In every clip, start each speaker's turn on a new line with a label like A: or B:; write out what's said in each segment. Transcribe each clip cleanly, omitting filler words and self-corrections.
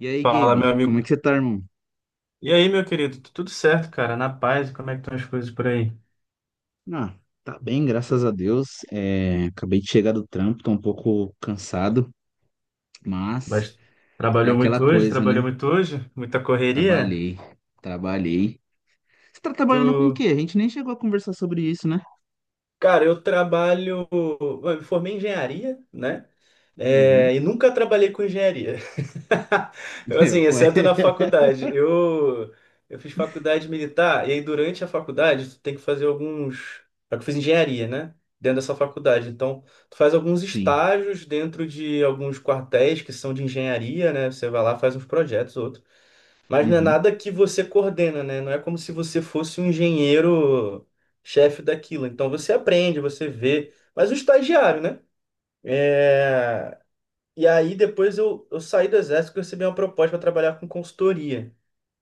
A: E aí,
B: Fala,
A: Gabe,
B: meu
A: como é que
B: amigo.
A: você tá, irmão?
B: E aí, meu querido? Tudo certo, cara? Na paz? Como é que estão as coisas por aí?
A: Ah, tá bem, graças a Deus. É, acabei de chegar do trampo, tô um pouco cansado, mas
B: Bast-
A: é
B: Trabalhou
A: aquela
B: muito hoje?
A: coisa,
B: Trabalhou
A: né?
B: muito hoje? Muita correria?
A: Trabalhei, trabalhei. Você tá trabalhando com o quê?
B: Tu...
A: A gente nem chegou a conversar sobre isso, né?
B: Cara, eu me formei em engenharia, né?
A: Uhum.
B: É, e nunca trabalhei com engenharia. Assim,
A: Eu,
B: exceto na
A: ué.
B: faculdade. Eu fiz faculdade militar, e aí durante a faculdade tu tem que fazer alguns. Só que eu fiz engenharia, né? Dentro dessa faculdade. Então, tu faz alguns
A: Sim.
B: estágios dentro de alguns quartéis que são de engenharia, né? Você vai lá, faz uns projetos, outros. Mas não é
A: Uhum.
B: nada que você coordena, né? Não é como se você fosse um engenheiro chefe daquilo. Então, você aprende, você vê. Mas o estagiário, né? É, e aí depois eu saí do exército e recebi uma proposta para trabalhar com consultoria.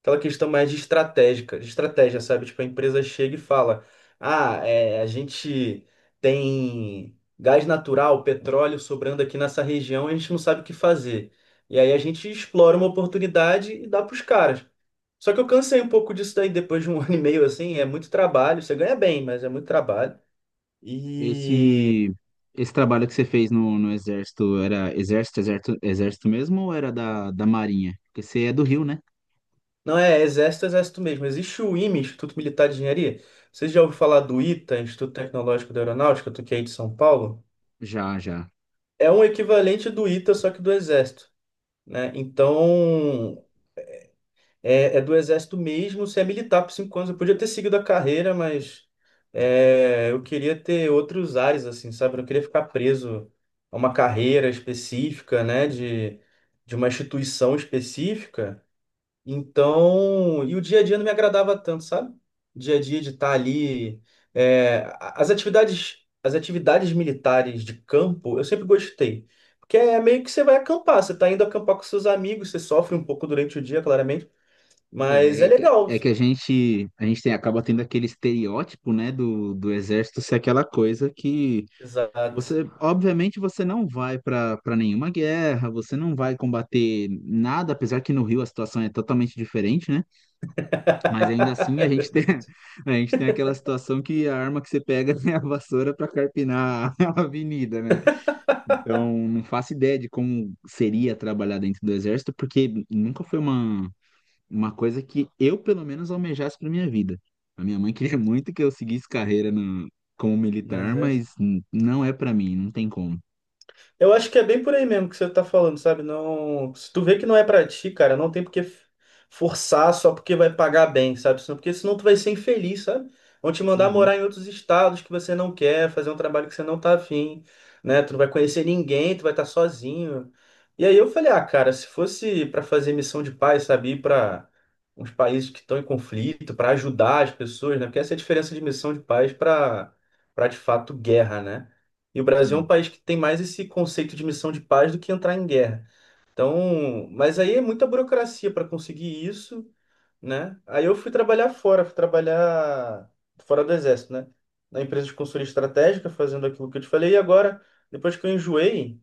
B: Aquela questão mais de estratégica, de estratégia, sabe? Tipo, a empresa chega e fala: Ah, é, a gente tem gás natural, petróleo sobrando aqui nessa região, e a gente não sabe o que fazer. E aí a gente explora uma oportunidade e dá para os caras. Só que eu cansei um pouco disso daí depois de um ano e meio, assim, é muito trabalho. Você ganha bem, mas é muito trabalho. E
A: Esse, esse trabalho que você fez no exército, era exército, exército, exército mesmo ou era da Marinha? Porque você é do Rio, né?
B: Não é exército, exército mesmo. Existe o IME, Instituto Militar de Engenharia. Você já ouviu falar do ITA, Instituto Tecnológico da Aeronáutica, do que é aí de São Paulo?
A: Já, já.
B: É um equivalente do ITA, só que do exército, né? Então, é do exército mesmo. Você é militar por 5 anos. Eu podia ter seguido a carreira, mas eu queria ter outros ares, assim, sabe? Eu não queria ficar preso a uma carreira específica, né? De uma instituição específica. Então, e o dia a dia não me agradava tanto, sabe? Dia a dia de estar ali. As as atividades militares de campo, eu sempre gostei. Porque é meio que você vai acampar, você tá indo acampar com seus amigos, você sofre um pouco durante o dia, claramente, mas
A: É,
B: é
A: é que
B: legal.
A: é que a gente tem, acaba tendo aquele estereótipo, né, do exército ser aquela coisa que
B: Exato.
A: você, obviamente, você não vai para nenhuma guerra, você não vai combater nada, apesar que no Rio a situação é totalmente diferente, né? Mas ainda assim a gente tem, a gente tem aquela situação que a arma que você pega é a vassoura para carpinar a avenida, né? Então, não faço ideia de como seria trabalhar dentro do exército, porque nunca foi uma coisa que eu, pelo menos, almejasse para minha vida. A minha mãe queria muito que eu seguisse carreira como militar,
B: Mas é.
A: mas não é para mim, não tem como.
B: Eu acho que é bem por aí mesmo que você tá falando, sabe? Não, se tu vê que não é pra ti, cara, não tem porque forçar só porque vai pagar bem, sabe? Porque senão tu vai ser infeliz, sabe? Vão te mandar
A: Uhum,
B: morar em outros estados que você não quer, fazer um trabalho que você não tá afim, né? Tu não vai conhecer ninguém, tu vai estar sozinho. E aí eu falei, ah, cara, se fosse pra fazer missão de paz, sabe? Ir pra uns países que estão em conflito, pra ajudar as pessoas, né? Porque essa é a diferença de missão de paz pra para de fato guerra, né? E o Brasil é um
A: sim.
B: país que tem mais esse conceito de missão de paz do que entrar em guerra. Então, mas aí é muita burocracia para conseguir isso, né? Aí eu fui trabalhar fora do exército, né? Na empresa de consultoria estratégica, fazendo aquilo que eu te falei. E agora, depois que eu enjoei,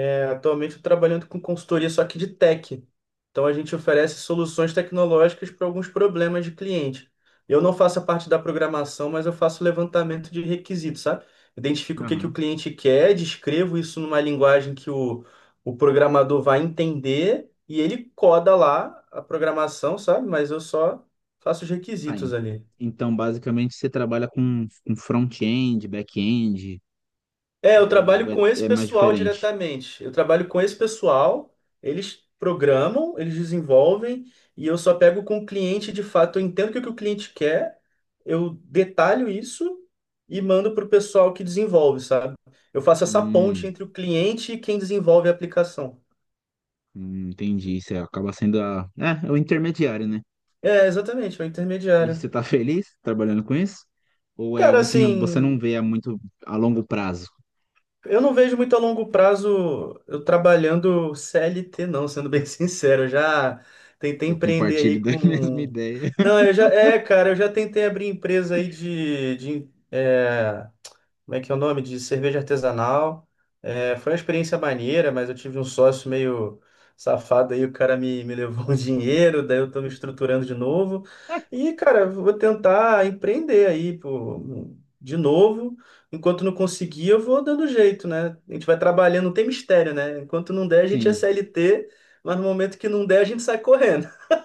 B: atualmente estou trabalhando com consultoria só que de tech. Então a gente oferece soluções tecnológicas para alguns problemas de cliente. Eu não faço a parte da programação, mas eu faço levantamento de requisitos, sabe? Identifico o que que o
A: Aham.
B: cliente quer, descrevo isso numa linguagem que o programador vai entender e ele coda lá a programação, sabe? Mas eu só faço os
A: Tá,
B: requisitos
A: en-
B: ali.
A: Então, basicamente, você trabalha com front-end, back-end,
B: É, eu
A: ou
B: trabalho
A: é,
B: com esse
A: é mais
B: pessoal
A: diferente?
B: diretamente. Eu trabalho com esse pessoal, eles programam, eles desenvolvem, e eu só pego com o cliente de fato. Eu entendo o que o cliente quer, eu detalho isso e mando para o pessoal que desenvolve, sabe? Eu faço essa ponte
A: Hum,
B: entre o cliente e quem desenvolve a aplicação.
A: entendi. Você acaba sendo a, é, é o intermediário, né?
B: É, exatamente, é o
A: E
B: intermediário.
A: você tá feliz trabalhando com isso? Ou é
B: Cara,
A: algo que você não
B: assim,
A: vê a muito a longo prazo?
B: eu não vejo muito a longo prazo eu trabalhando CLT, não, sendo bem sincero. Eu já tentei
A: Eu
B: empreender aí
A: compartilho da mesma
B: com.
A: ideia.
B: Não, eu já. É, cara, eu já tentei abrir empresa aí como é que é o nome? De cerveja artesanal. É, foi uma experiência maneira, mas eu tive um sócio meio safado aí, o cara me levou um dinheiro, daí eu tô me estruturando de novo. E, cara, vou tentar empreender aí, pô, de novo. Enquanto não conseguir, eu vou dando jeito, né? A gente vai trabalhando, não tem mistério, né? Enquanto não der, a gente é
A: Sim.
B: CLT, mas no momento que não der, a gente sai correndo.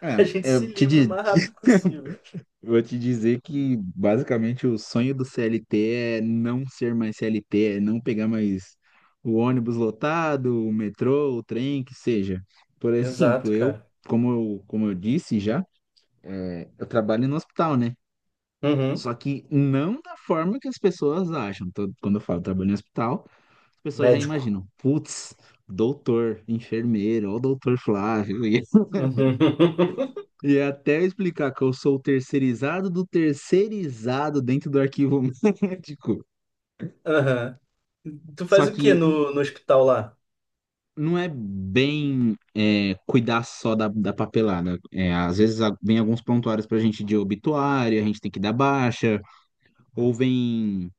A: É,
B: A gente se
A: eu te
B: livra o
A: di-
B: mais rápido possível.
A: vou te dizer que basicamente o sonho do CLT é não ser mais CLT, é não pegar mais o ônibus lotado, o metrô, o trem, que seja. Por
B: Exato,
A: exemplo, eu,
B: cara.
A: como eu disse já, é, eu trabalho no hospital, né?
B: Uhum.
A: Só que não da forma que as pessoas acham. Quando eu falo trabalho no hospital, as pessoas já
B: Médico.
A: imaginam, putz, doutor, enfermeiro, ó o doutor Flávio.
B: Uhum.
A: E é até eu explicar que eu sou o terceirizado do terceirizado dentro do arquivo médico.
B: Aham. Tu
A: Só
B: faz o
A: que
B: que no hospital lá?
A: não é bem é, cuidar só da papelada. É, às vezes vem alguns prontuários pra gente de obituário, a gente tem que dar baixa, ou vem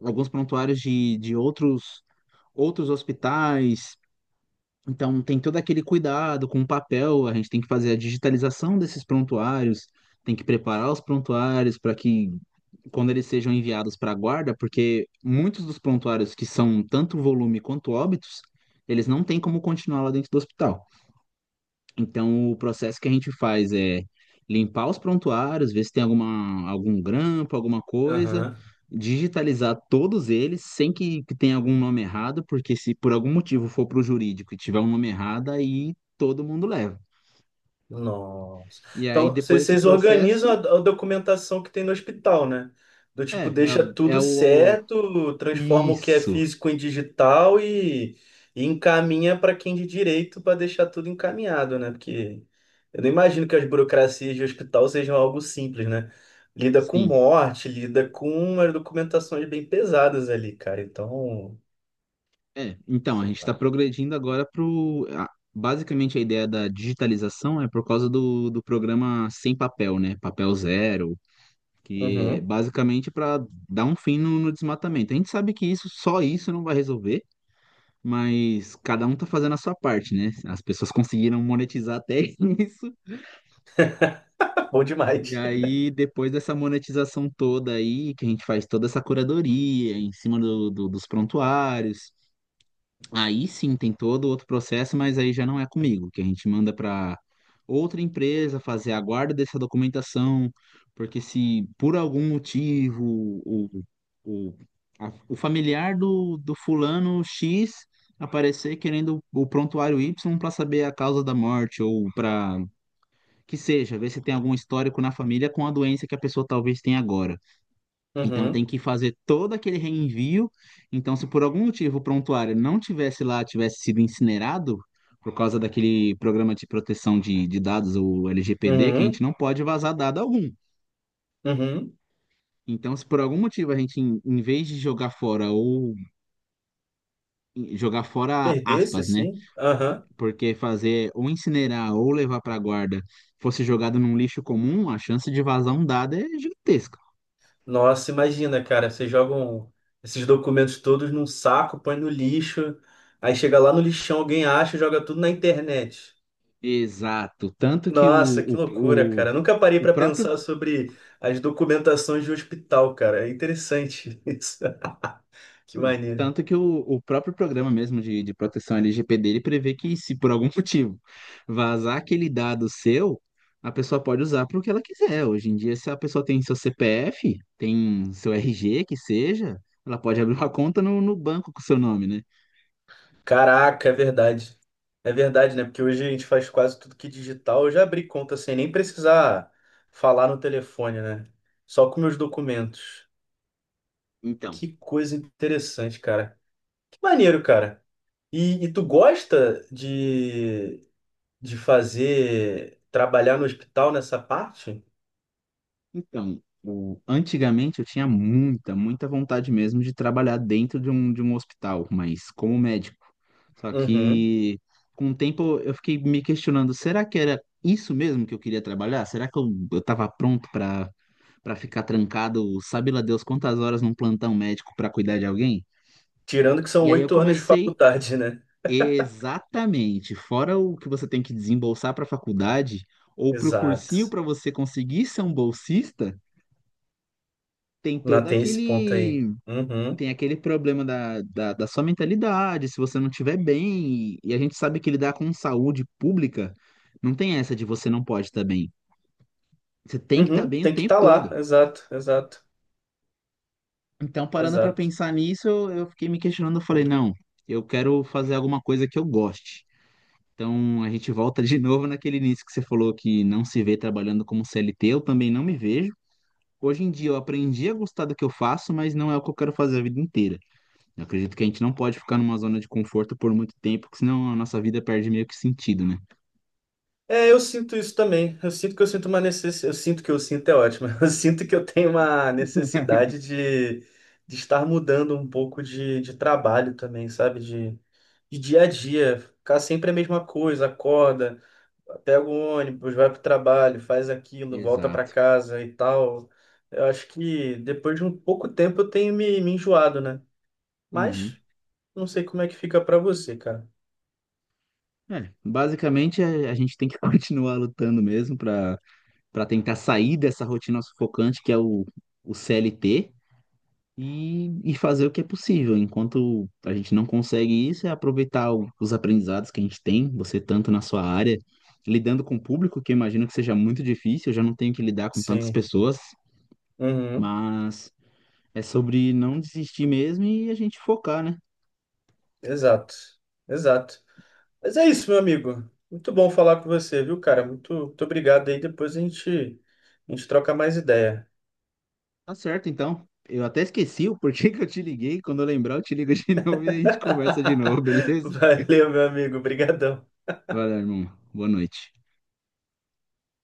A: alguns prontuários de outros, outros hospitais. Então, tem todo aquele cuidado com o papel, a gente tem que fazer a digitalização desses prontuários, tem que preparar os prontuários para que, quando eles sejam enviados para a guarda, porque muitos dos prontuários que são tanto volume quanto óbitos, eles não têm como continuar lá dentro do hospital. Então, o processo que a gente faz é limpar os prontuários, ver se tem alguma, algum grampo, alguma coisa,
B: Aham.
A: digitalizar todos eles, sem que tenha algum nome errado, porque se por algum motivo for para o jurídico e tiver um nome errado, aí todo mundo leva.
B: Nossa.
A: E aí,
B: Então,
A: depois
B: vocês
A: desse
B: vocês organizam a,
A: processo,
B: a documentação que tem no hospital, né? Do
A: é,
B: tipo, deixa
A: é,
B: tudo
A: é o. o-
B: certo, transforma o que é
A: Isso,
B: físico em digital e encaminha para quem de direito para deixar tudo encaminhado, né? Porque eu não imagino que as burocracias de hospital sejam algo simples, né? Lida com
A: sim.
B: morte, lida com umas documentações bem pesadas ali, cara. Então,
A: É, então, a
B: sei
A: gente está
B: lá.
A: progredindo agora para o. Basicamente, a ideia da digitalização é por causa do programa Sem Papel, né? Papel Zero, que é
B: Uhum.
A: basicamente para dar um fim no desmatamento. A gente sabe que isso, só isso não vai resolver, mas cada um tá fazendo a sua parte, né? As pessoas conseguiram monetizar até isso.
B: Bom
A: E
B: demais.
A: aí, depois dessa monetização toda aí, que a gente faz toda essa curadoria em cima dos prontuários, aí sim tem todo outro processo, mas aí já não é comigo, que a gente manda para outra empresa fazer a guarda dessa documentação, porque se por algum motivo o, o, o familiar do fulano X aparecer querendo o prontuário Y para saber a causa da morte, ou para que seja, ver se tem algum histórico na família com a doença que a pessoa talvez tenha agora. Então
B: Uhum,
A: tem que fazer todo aquele reenvio. Então, se por algum motivo o prontuário não tivesse lá, tivesse sido incinerado, por causa daquele programa de proteção de dados, o LGPD, que a gente
B: uhum,
A: não pode vazar dado algum.
B: uhum.
A: Então, se por algum motivo a gente, em vez de jogar fora ou jogar fora
B: Perdesse,
A: aspas, né?
B: sim. Aham.
A: Porque fazer ou incinerar ou levar para guarda fosse jogado num lixo comum, a chance de vazar um dado é gigantesca.
B: Nossa, imagina, cara, vocês jogam esses documentos todos num saco, põe no lixo, aí chega lá no lixão, alguém acha e joga tudo na internet.
A: Exato. Tanto que o,
B: Nossa, que
A: o,
B: loucura,
A: o,
B: cara. Nunca parei
A: o
B: para
A: próprio
B: pensar sobre as documentações de hospital, cara. É interessante isso. Que
A: Hum.
B: maneiro.
A: Tanto que o próprio programa mesmo de proteção LGPD, ele prevê que se por algum motivo vazar aquele dado seu, a pessoa pode usar para o que ela quiser. Hoje em dia, se a pessoa tem seu CPF, tem seu RG, que seja, ela pode abrir uma conta no banco com seu nome, né?
B: Caraca, é verdade. É verdade, né? Porque hoje a gente faz quase tudo que digital. Eu já abri conta sem nem precisar falar no telefone, né? Só com meus documentos.
A: Então,
B: Que coisa interessante, cara. Que maneiro, cara. E tu gosta de, trabalhar no hospital nessa parte?
A: então, o- antigamente eu tinha muita, muita vontade mesmo de trabalhar dentro de um hospital, mas como médico. Só
B: Uhum.
A: que com o tempo eu fiquei me questionando, será que era isso mesmo que eu queria trabalhar? Será que eu tava pronto para para ficar trancado, sabe lá Deus quantas horas num plantão médico para cuidar de alguém?
B: Tirando que são
A: E aí eu
B: 8 anos de
A: comecei
B: faculdade, né?
A: exatamente, fora o que você tem que desembolsar para a faculdade ou para o cursinho
B: Exato.
A: para você conseguir ser um bolsista, tem
B: Não
A: todo
B: tem esse ponto aí.
A: aquele
B: Uhum.
A: tem aquele problema da sua mentalidade, se você não estiver bem, e a gente sabe que lidar com saúde pública não tem essa de você não pode estar bem. Você tem que estar
B: Uhum.
A: bem o
B: Tem que
A: tempo
B: estar lá.
A: todo.
B: Exato, exato,
A: Então, parando para
B: exato.
A: pensar nisso, eu fiquei me questionando, eu falei, não, eu quero fazer alguma coisa que eu goste. Então, a gente volta de novo naquele início que você falou que não se vê trabalhando como CLT, eu também não me vejo. Hoje em dia eu aprendi a gostar do que eu faço, mas não é o que eu quero fazer a vida inteira. Eu acredito que a gente não pode ficar numa zona de conforto por muito tempo, porque senão a nossa vida perde meio que sentido, né?
B: É, eu sinto isso também. Eu sinto que eu sinto uma necessidade. Eu sinto que eu sinto é ótimo. Eu sinto que eu tenho uma necessidade de estar mudando um pouco de trabalho também, sabe? De dia a dia. Ficar sempre a mesma coisa, acorda, pega o ônibus, vai pro trabalho, faz aquilo, volta pra
A: Exato.
B: casa e tal. Eu acho que depois de um pouco tempo eu tenho me enjoado, né? Mas
A: Uhum.
B: não sei como é que fica pra você, cara.
A: É, basicamente a gente tem que continuar lutando mesmo para para tentar sair dessa rotina sufocante que é o CLT e fazer o que é possível. Enquanto a gente não consegue isso, é aproveitar os aprendizados que a gente tem, você tanto na sua área, lidando com o público, que eu imagino que seja muito difícil, eu já não tenho que lidar com tantas
B: Sim.
A: pessoas,
B: Uhum.
A: mas é sobre não desistir mesmo e a gente focar, né?
B: Exato. Exato. Mas é isso, meu amigo. Muito bom falar com você, viu, cara? Muito, muito obrigado aí. Depois a gente troca mais ideia.
A: Tá certo, então. Eu até esqueci o porquê que eu te liguei. Quando eu lembrar, eu te ligo de novo e a gente conversa de novo, beleza?
B: Valeu, meu amigo. Obrigadão.
A: Valeu, irmão. Boa noite.